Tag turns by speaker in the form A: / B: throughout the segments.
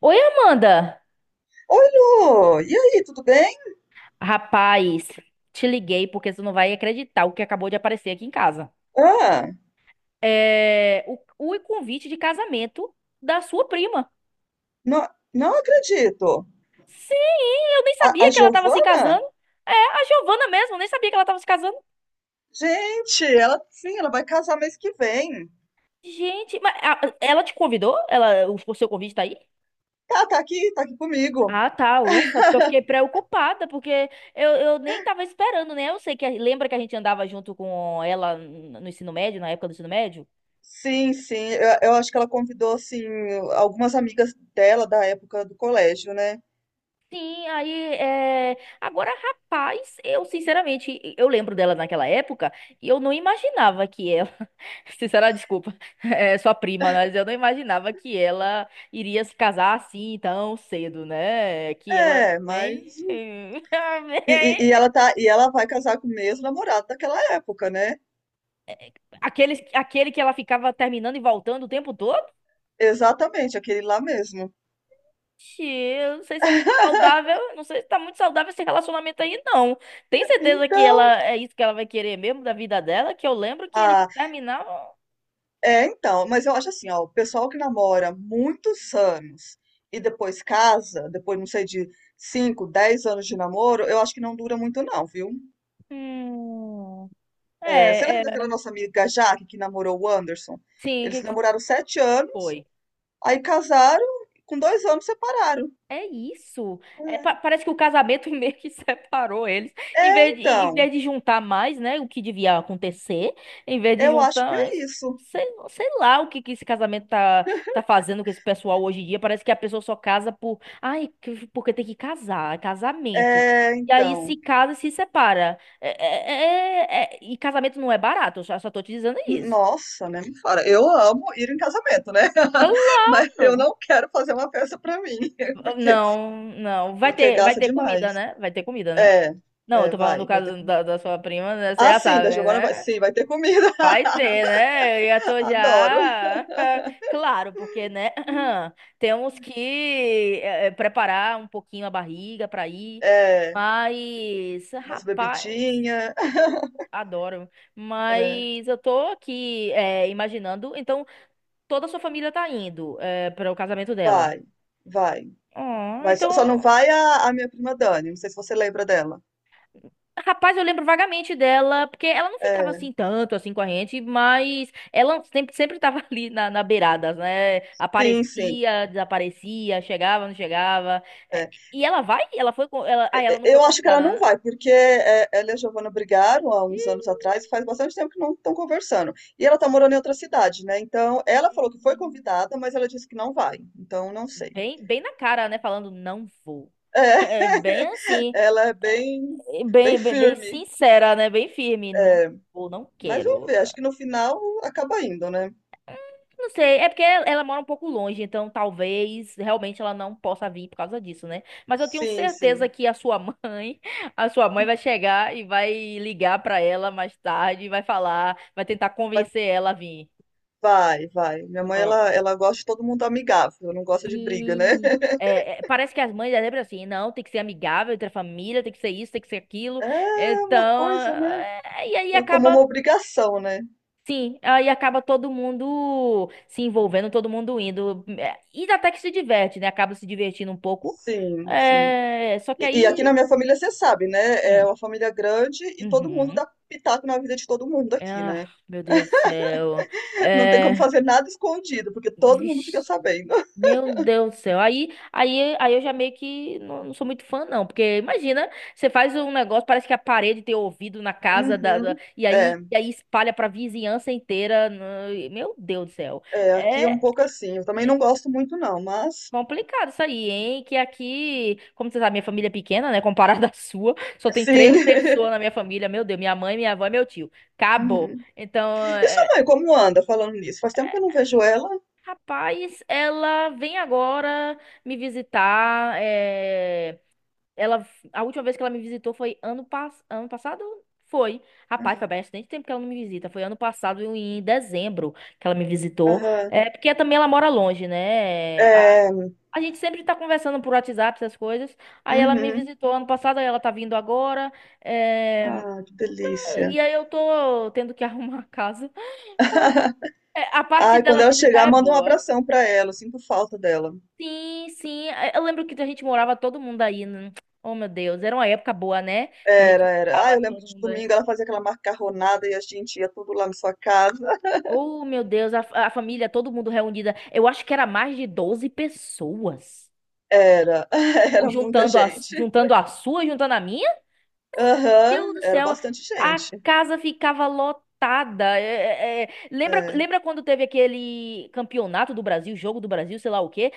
A: Oi, Amanda!
B: Oi, Lu! E aí, tudo bem?
A: Rapaz, te liguei porque você não vai acreditar o que acabou de aparecer aqui em casa.
B: Ah,
A: É o convite de casamento da sua prima.
B: não, não acredito.
A: Sim, eu nem
B: A,
A: sabia
B: a
A: que ela tava se
B: Giovana?
A: casando. É, a Giovana mesmo, eu nem sabia que ela tava se casando.
B: Gente, ela sim, ela vai casar mês que vem.
A: Gente, mas ela te convidou? Ela, o seu convite tá aí?
B: Tá, tá aqui comigo.
A: Ah, tá, ufa, porque eu fiquei preocupada, porque eu nem tava esperando, né? Eu sei que, lembra que a gente andava junto com ela no ensino médio, na época do ensino médio?
B: Sim, sim, eu acho que ela convidou, assim, algumas amigas dela da época do colégio, né?
A: Sim, aí é... agora, rapaz, eu sinceramente, eu lembro dela naquela época e eu não imaginava que ela, sinceramente desculpa, é sua prima, mas eu não imaginava que ela iria se casar assim tão cedo, né? Que ela era
B: É, mas.
A: bem,
B: E, e, e ela tá, e ela vai casar com o mesmo namorado daquela época, né?
A: aquele que ela ficava terminando e voltando o tempo todo?
B: Exatamente, aquele lá mesmo.
A: Ixi, eu não sei se é muito saudável, não sei se tá muito saudável esse relacionamento aí, não. Tem certeza que
B: Então.
A: ela é isso que ela vai querer mesmo da vida dela? Que eu lembro que eles terminavam.
B: É, então, mas eu acho assim, ó, o pessoal que namora muitos anos e depois casa, depois, não sei, de 5, 10 anos de namoro, eu acho que não dura muito não, viu?
A: Hum,
B: É, você
A: é,
B: lembra daquela
A: é.
B: nossa amiga Jaque que namorou o Anderson?
A: Sim, o
B: Eles
A: que que
B: namoraram 7 anos,
A: foi?
B: aí casaram, com 2 anos separaram.
A: É isso. É,
B: É,
A: parece que o casamento meio que separou eles. Em
B: é,
A: vez de, em
B: então,
A: vez de juntar mais, né? O que devia acontecer. Em vez de
B: eu acho
A: juntar
B: que é
A: mais.
B: isso.
A: Sei, sei lá o que, que esse casamento tá fazendo com esse pessoal hoje em dia. Parece que a pessoa só casa por. Ai, que- porque tem que casar. É casamento.
B: É,
A: E aí
B: então.
A: se casa e se separa. E casamento não é barato. Eu só tô te dizendo isso.
B: Nossa, né? Me fala. Eu amo ir em casamento, né? Mas eu
A: Claro!
B: não quero fazer uma festa pra mim, porque,
A: Não, não. Vai
B: porque
A: ter, vai
B: gasta
A: ter comida,
B: demais.
A: né? Vai ter comida, né?
B: É,
A: Não, eu
B: é,
A: tô falando do
B: vai ter
A: caso
B: comida.
A: da, da sua prima, né? Você
B: Ah,
A: já
B: sim,
A: sabe,
B: da Giovana vai,
A: né?
B: sim, vai ter comida.
A: Vai ter, né? Eu já tô
B: Adoro.
A: já. Claro, porque, né? Temos que preparar um pouquinho a barriga pra ir.
B: É,
A: Mas,
B: umas
A: rapaz,
B: bebidinhas.
A: eu adoro.
B: É,
A: Mas eu tô aqui imaginando. Então, toda a sua família tá indo para o casamento dela.
B: vai, vai,
A: Ah,
B: vai. Só não
A: então.
B: vai a minha prima Dani, não sei se você lembra dela.
A: Rapaz, eu lembro vagamente dela, porque ela não ficava
B: É,
A: assim tanto assim com a gente, mas ela sempre tava ali na, na beirada, né?
B: sim, sim.
A: Aparecia, desaparecia, chegava, não chegava. É,
B: é.
A: e ela vai? Ela foi, ela, ah, ela não foi
B: Eu acho que ela
A: convidada,
B: não
A: né?
B: vai, porque é, ela e a Giovana brigaram há uns anos
A: Ih,
B: atrás, faz bastante tempo que não estão conversando. E ela tá morando em outra cidade, né? Então, ela falou que foi convidada, mas ela disse que não vai. Então, não sei.
A: bem, bem na cara, né? Falando, não vou.
B: É,
A: É bem assim,
B: ela é bem, bem
A: bem, bem, bem
B: firme.
A: sincera, né? Bem firme, não vou, não
B: Mas vamos
A: quero.
B: ver, acho que no final acaba indo, né?
A: Não sei, é porque ela mora um pouco longe, então talvez realmente ela não possa vir por causa disso, né? Mas eu tenho
B: Sim,
A: certeza
B: sim.
A: que a sua mãe, a sua mãe vai chegar e vai ligar pra ela mais tarde, e vai falar, vai tentar
B: Vai,
A: convencer ela a vir.
B: vai. Vai. Minha mãe,
A: Ah,
B: ela gosta de todo mundo amigável, não gosta de briga, né?
A: sim. É, é, parece que as mães é sempre assim, não, tem que ser amigável entre a família, tem que ser isso, tem que ser aquilo.
B: É uma
A: Então,
B: coisa, né?
A: é, e aí
B: Como uma
A: acaba.
B: obrigação, né?
A: Sim, aí acaba todo mundo se envolvendo, todo mundo indo. É, e até que se diverte, né? Acaba se divertindo um pouco.
B: Sim, sim.
A: É, só que
B: E aqui na
A: aí.
B: minha família, você sabe, né? É
A: Hum,
B: uma família grande e todo mundo
A: uhum.
B: dá pitaco na vida de todo mundo
A: É,
B: aqui,
A: ah,
B: né?
A: meu Deus do céu.
B: Não tem como
A: É,
B: fazer nada escondido, porque todo mundo fica
A: vixe,
B: sabendo.
A: meu Deus do céu. Aí eu já meio que não sou muito fã, não. Porque imagina, você faz um negócio, parece que a parede tem ouvido na casa da, da-
B: Uhum.
A: e aí,
B: É,
A: e aí espalha pra vizinhança inteira, né? Meu Deus do céu.
B: é, aqui é um
A: É.
B: pouco assim. Eu também não gosto muito, não, mas
A: Complicado isso aí, hein? Que aqui, como você sabe, minha família é pequena, né? Comparada à sua, só tem três
B: sim.
A: pessoas na minha família. Meu Deus, minha mãe, minha avó e meu tio. Acabou.
B: Uhum.
A: Então,
B: E sua
A: é,
B: mãe, como anda falando nisso? Faz tempo que eu não vejo ela.
A: rapaz, ela vem agora me visitar. Ela, a última vez que ela me visitou foi ano passado? Foi. Rapaz,
B: Ah,
A: foi bastante tempo que ela não me visita. Foi ano passado, em dezembro, que ela me visitou.
B: Aham.
A: É porque também ela mora longe, né?
B: É.
A: A gente sempre tá conversando por WhatsApp, essas coisas. Aí ela me
B: Uhum.
A: visitou ano passado, aí ela tá vindo agora. eh,
B: Ah, que delícia.
A: E aí eu tô tendo que arrumar a casa. É, a parte
B: Ai, quando
A: dela
B: ela
A: visitar
B: chegar,
A: é
B: manda um
A: boa.
B: abração pra ela. Eu sinto falta dela.
A: Sim, sim. É, eu lembro que a gente morava todo mundo aí, né? Oh, meu Deus. Era uma época boa, né? Que a gente
B: Era, era. Ah,
A: morava
B: eu lembro que
A: todo
B: de
A: mundo aí.
B: domingo ela fazia aquela macarronada e a gente ia tudo lá na sua casa.
A: Oh, meu Deus. A família, todo mundo reunida. Eu acho que era mais de 12 pessoas.
B: Era, era muita
A: Juntando a,
B: gente.
A: juntando a sua, juntando a minha. Deus
B: Aham,
A: do
B: era
A: céu,
B: bastante
A: a
B: gente.
A: casa ficava lotada. É. Lembra,
B: É.
A: lembra quando teve aquele campeonato do Brasil, jogo do Brasil, sei lá o quê?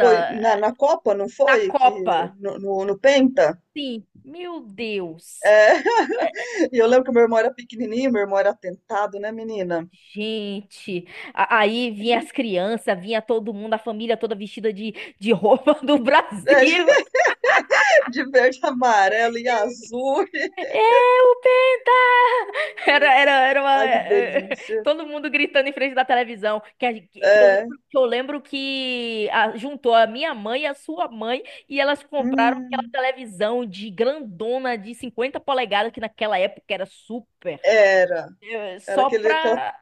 B: Foi na Copa, não
A: na
B: foi? Que,
A: Copa.
B: no Penta?
A: Sim, meu Deus.
B: É. E eu lembro que meu irmão era pequenininho, meu irmão era atentado, né, menina?
A: Gente, aí vinha as crianças, vinha todo mundo, a família toda vestida de roupa do
B: É,
A: Brasil.
B: de verde, amarelo e azul.
A: É o Penta! Era uma...
B: Ai, que delícia.
A: Todo mundo gritando em frente da televisão. Que, que eu
B: É.
A: lembro, que eu lembro que juntou a minha mãe e a sua mãe e elas compraram aquela
B: Hum,
A: televisão de grandona de 50 polegadas, que naquela época era super.
B: era. Era
A: Só
B: aquele, aquela-
A: pra...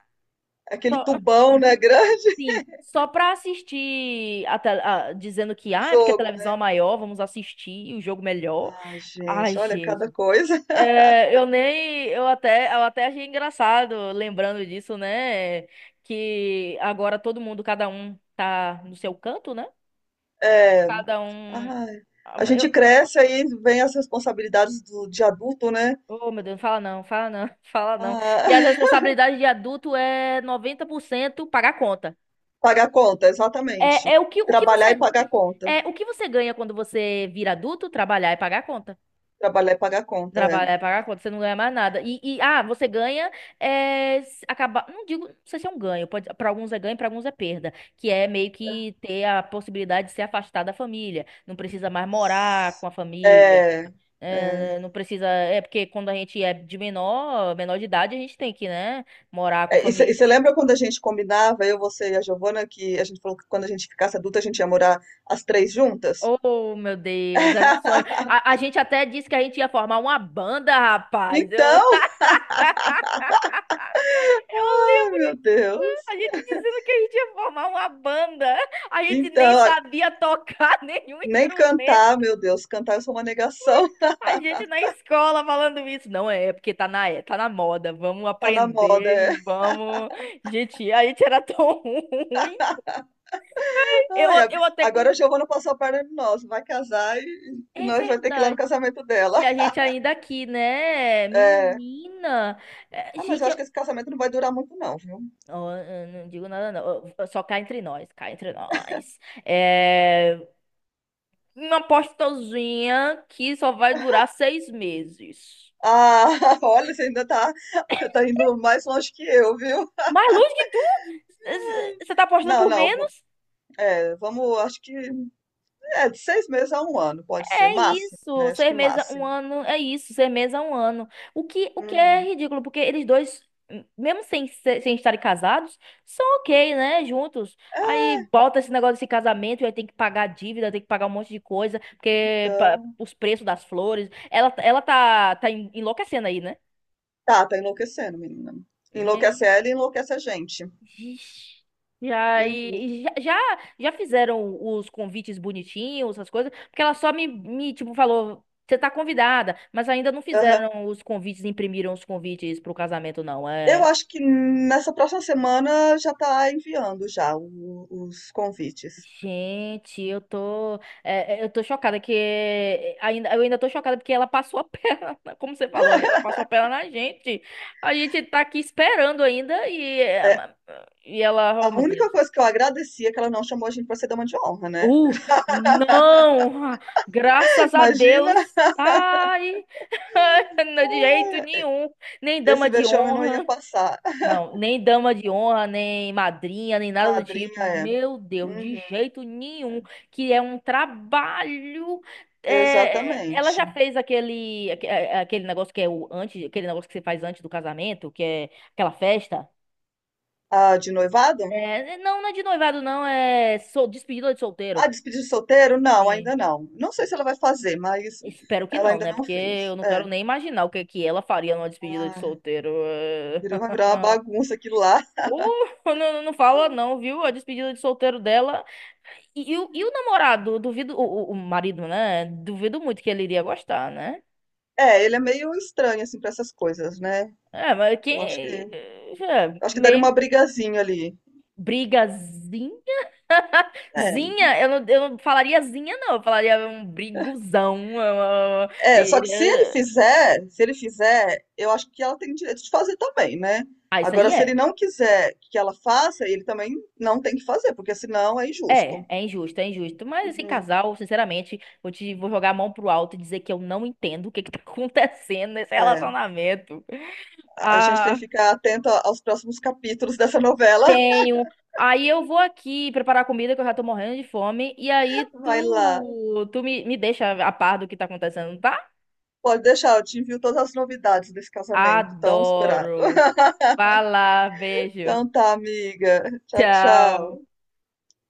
B: aquele
A: Só,
B: tubão, né? Grande
A: assim, só pra assistir, a, dizendo que,
B: o
A: ah, é porque a
B: jogo,
A: televisão é
B: né?
A: maior, vamos assistir o jogo melhor.
B: Ah,
A: Ai,
B: gente, olha cada
A: gente.
B: coisa.
A: É, eu nem, eu até achei engraçado lembrando disso, né? Que agora todo mundo, cada um tá no seu canto, né?
B: É.
A: Cada um.
B: Ai,
A: Ah,
B: a gente cresce aí vem as responsabilidades de adulto, né?
A: Oh, meu Deus, fala não, fala não.
B: Ah,
A: E as responsabilidades de adulto é 90% pagar conta.
B: pagar conta, exatamente.
A: É,
B: Trabalhar e pagar conta.
A: é o que você ganha quando você vira adulto? Trabalhar e pagar conta.
B: Trabalhar e pagar conta, é.
A: Trabalhar é pagar a conta, você não ganha mais nada. Você ganha é, acabar. Não digo, não sei se é um ganho. Pode, para alguns é ganho, para alguns é perda. Que é meio que ter a possibilidade de se afastar da família. Não precisa mais morar com a família.
B: É, é.
A: É, não precisa. É porque quando a gente é de menor, menor de idade, a gente tem que, né, morar com
B: É,
A: a
B: e
A: família.
B: você lembra quando a gente combinava, eu, você e a Giovana, que a gente falou que quando a gente ficasse adulta a gente ia morar as três juntas?
A: Oh, meu Deus, era um sonho. A gente até disse que a gente ia formar uma banda, rapaz. Eu, eu
B: Então, ai
A: lembro.
B: meu
A: A
B: Deus.
A: gente dizendo que a gente ia formar uma banda, a gente nem
B: Então,
A: sabia tocar nenhum
B: nem
A: instrumento.
B: cantar, meu Deus, cantar eu sou uma negação.
A: A gente na escola falando isso. Não é, é porque tá na, é, tá na moda. Vamos
B: Tá na moda,
A: aprender e
B: é.
A: vamos. Gente, a gente era tão ruim. Eu,
B: Ai,
A: eu até. Com...
B: agora a Giovana passou a perna de nós, vai casar e
A: É
B: nós vai ter que ir lá no
A: verdade.
B: casamento
A: E
B: dela.
A: a gente ainda aqui, né?
B: É.
A: Menina. É,
B: Ah, mas
A: gente,
B: eu acho
A: eu...
B: que esse casamento não vai durar muito, não, viu?
A: Ó, eu não digo nada, não. Ó, só cá entre nós, cá entre nós. É, uma apostazinha que só vai durar 6 meses.
B: Ah, olha, você ainda tá, tá indo mais longe que eu, viu?
A: Mais longe que tu? Você tá apostando
B: Não,
A: por
B: não,
A: menos?
B: é, vamos, acho que é de 6 meses a 1 ano, pode ser,
A: É
B: máximo,
A: isso.
B: né? Acho
A: Seis
B: que
A: meses, um
B: máximo.
A: ano. É isso. Seis meses, um ano. O que é
B: Uhum.
A: ridículo, porque eles dois, mesmo sem, sem estarem casados, são ok, né? Juntos. Aí bota esse negócio desse casamento e aí tem que pagar dívida, tem que pagar um monte de coisa, porque
B: Então,
A: os preços das flores. Ela tá enlouquecendo aí, né?
B: tá enlouquecendo, menina. Enlouquece ela e enlouquece a gente.
A: Ixi. E
B: Uhum.
A: aí, já fizeram os convites bonitinhos, essas coisas, porque ela só me tipo, falou, você tá convidada, mas ainda não
B: Aham.
A: fizeram os convites, imprimiram os convites pro casamento, não.
B: Eu
A: É,
B: acho que nessa próxima semana já tá enviando já os convites.
A: gente, eu tô, eu tô chocada que, ainda, eu ainda tô chocada porque ela passou a perna, como você falou, ela passou a perna na gente. A gente tá aqui esperando ainda e, é,
B: É,
A: ma- e ela, oh
B: a
A: meu
B: única
A: Deus.
B: coisa que eu agradeci é que ela não chamou a gente pra ser dama de honra, né?
A: Uh, não! Ah, graças a
B: Imagina,
A: Deus! Ai, não de jeito
B: ah,
A: nenhum! Nem dama
B: esse
A: de
B: vexame não ia
A: honra,
B: passar.
A: não, nem dama de honra, nem madrinha, nem nada do
B: Madrinha
A: tipo.
B: é.
A: Meu Deus, de
B: Uhum.
A: jeito nenhum! Que é um trabalho. É, ela
B: Exatamente.
A: já fez aquele, aquele negócio que é o antes, aquele negócio que você faz antes do casamento, que é aquela festa.
B: Ah, de noivado?
A: É, não, não é de noivado, não, despedida de
B: Ah,
A: solteiro.
B: despedida de solteiro? Não,
A: Sim.
B: ainda não. Não sei se ela vai fazer, mas
A: Espero que
B: ela
A: não,
B: ainda
A: né?
B: não
A: Porque
B: fez.
A: eu não quero
B: É.
A: nem imaginar o que que ela faria numa despedida de
B: Ah,
A: solteiro.
B: virou, vai virar uma bagunça aquilo lá.
A: Não, não fala não, viu? A despedida de solteiro dela. E o namorado, duvido, o marido, né? Duvido muito que ele iria gostar, né?
B: É, ele é meio estranho, assim, pra essas coisas, né?
A: É, mas quem.
B: Eu
A: É,
B: acho que daria uma
A: meio
B: brigazinha ali.
A: brigazinha.
B: É,
A: Zinha, eu não falaria zinha, não. Eu falaria um briguzão.
B: é, só que se ele
A: Eh.
B: fizer, se ele fizer, eu acho que ela tem direito de fazer também, né?
A: Ah, isso aí
B: Agora, se ele
A: é.
B: não quiser que ela faça, ele também não tem que fazer, porque senão é
A: É,
B: injusto.
A: é injusto, é injusto. Mas esse
B: Uhum.
A: casal, sinceramente, vou jogar a mão pro alto e dizer que eu não entendo o que que tá acontecendo nesse
B: É,
A: relacionamento.
B: a gente tem
A: Ah,
B: que ficar atento aos próximos capítulos dessa novela.
A: tenho. Aí eu vou aqui preparar comida que eu já tô morrendo de fome e aí
B: Vai lá.
A: tu me deixa a par do que tá acontecendo, tá?
B: Pode deixar, eu te envio todas as novidades desse casamento tão esperado.
A: Adoro. Vai lá, beijo.
B: Então tá, amiga. Tchau,
A: Tchau.
B: tchau.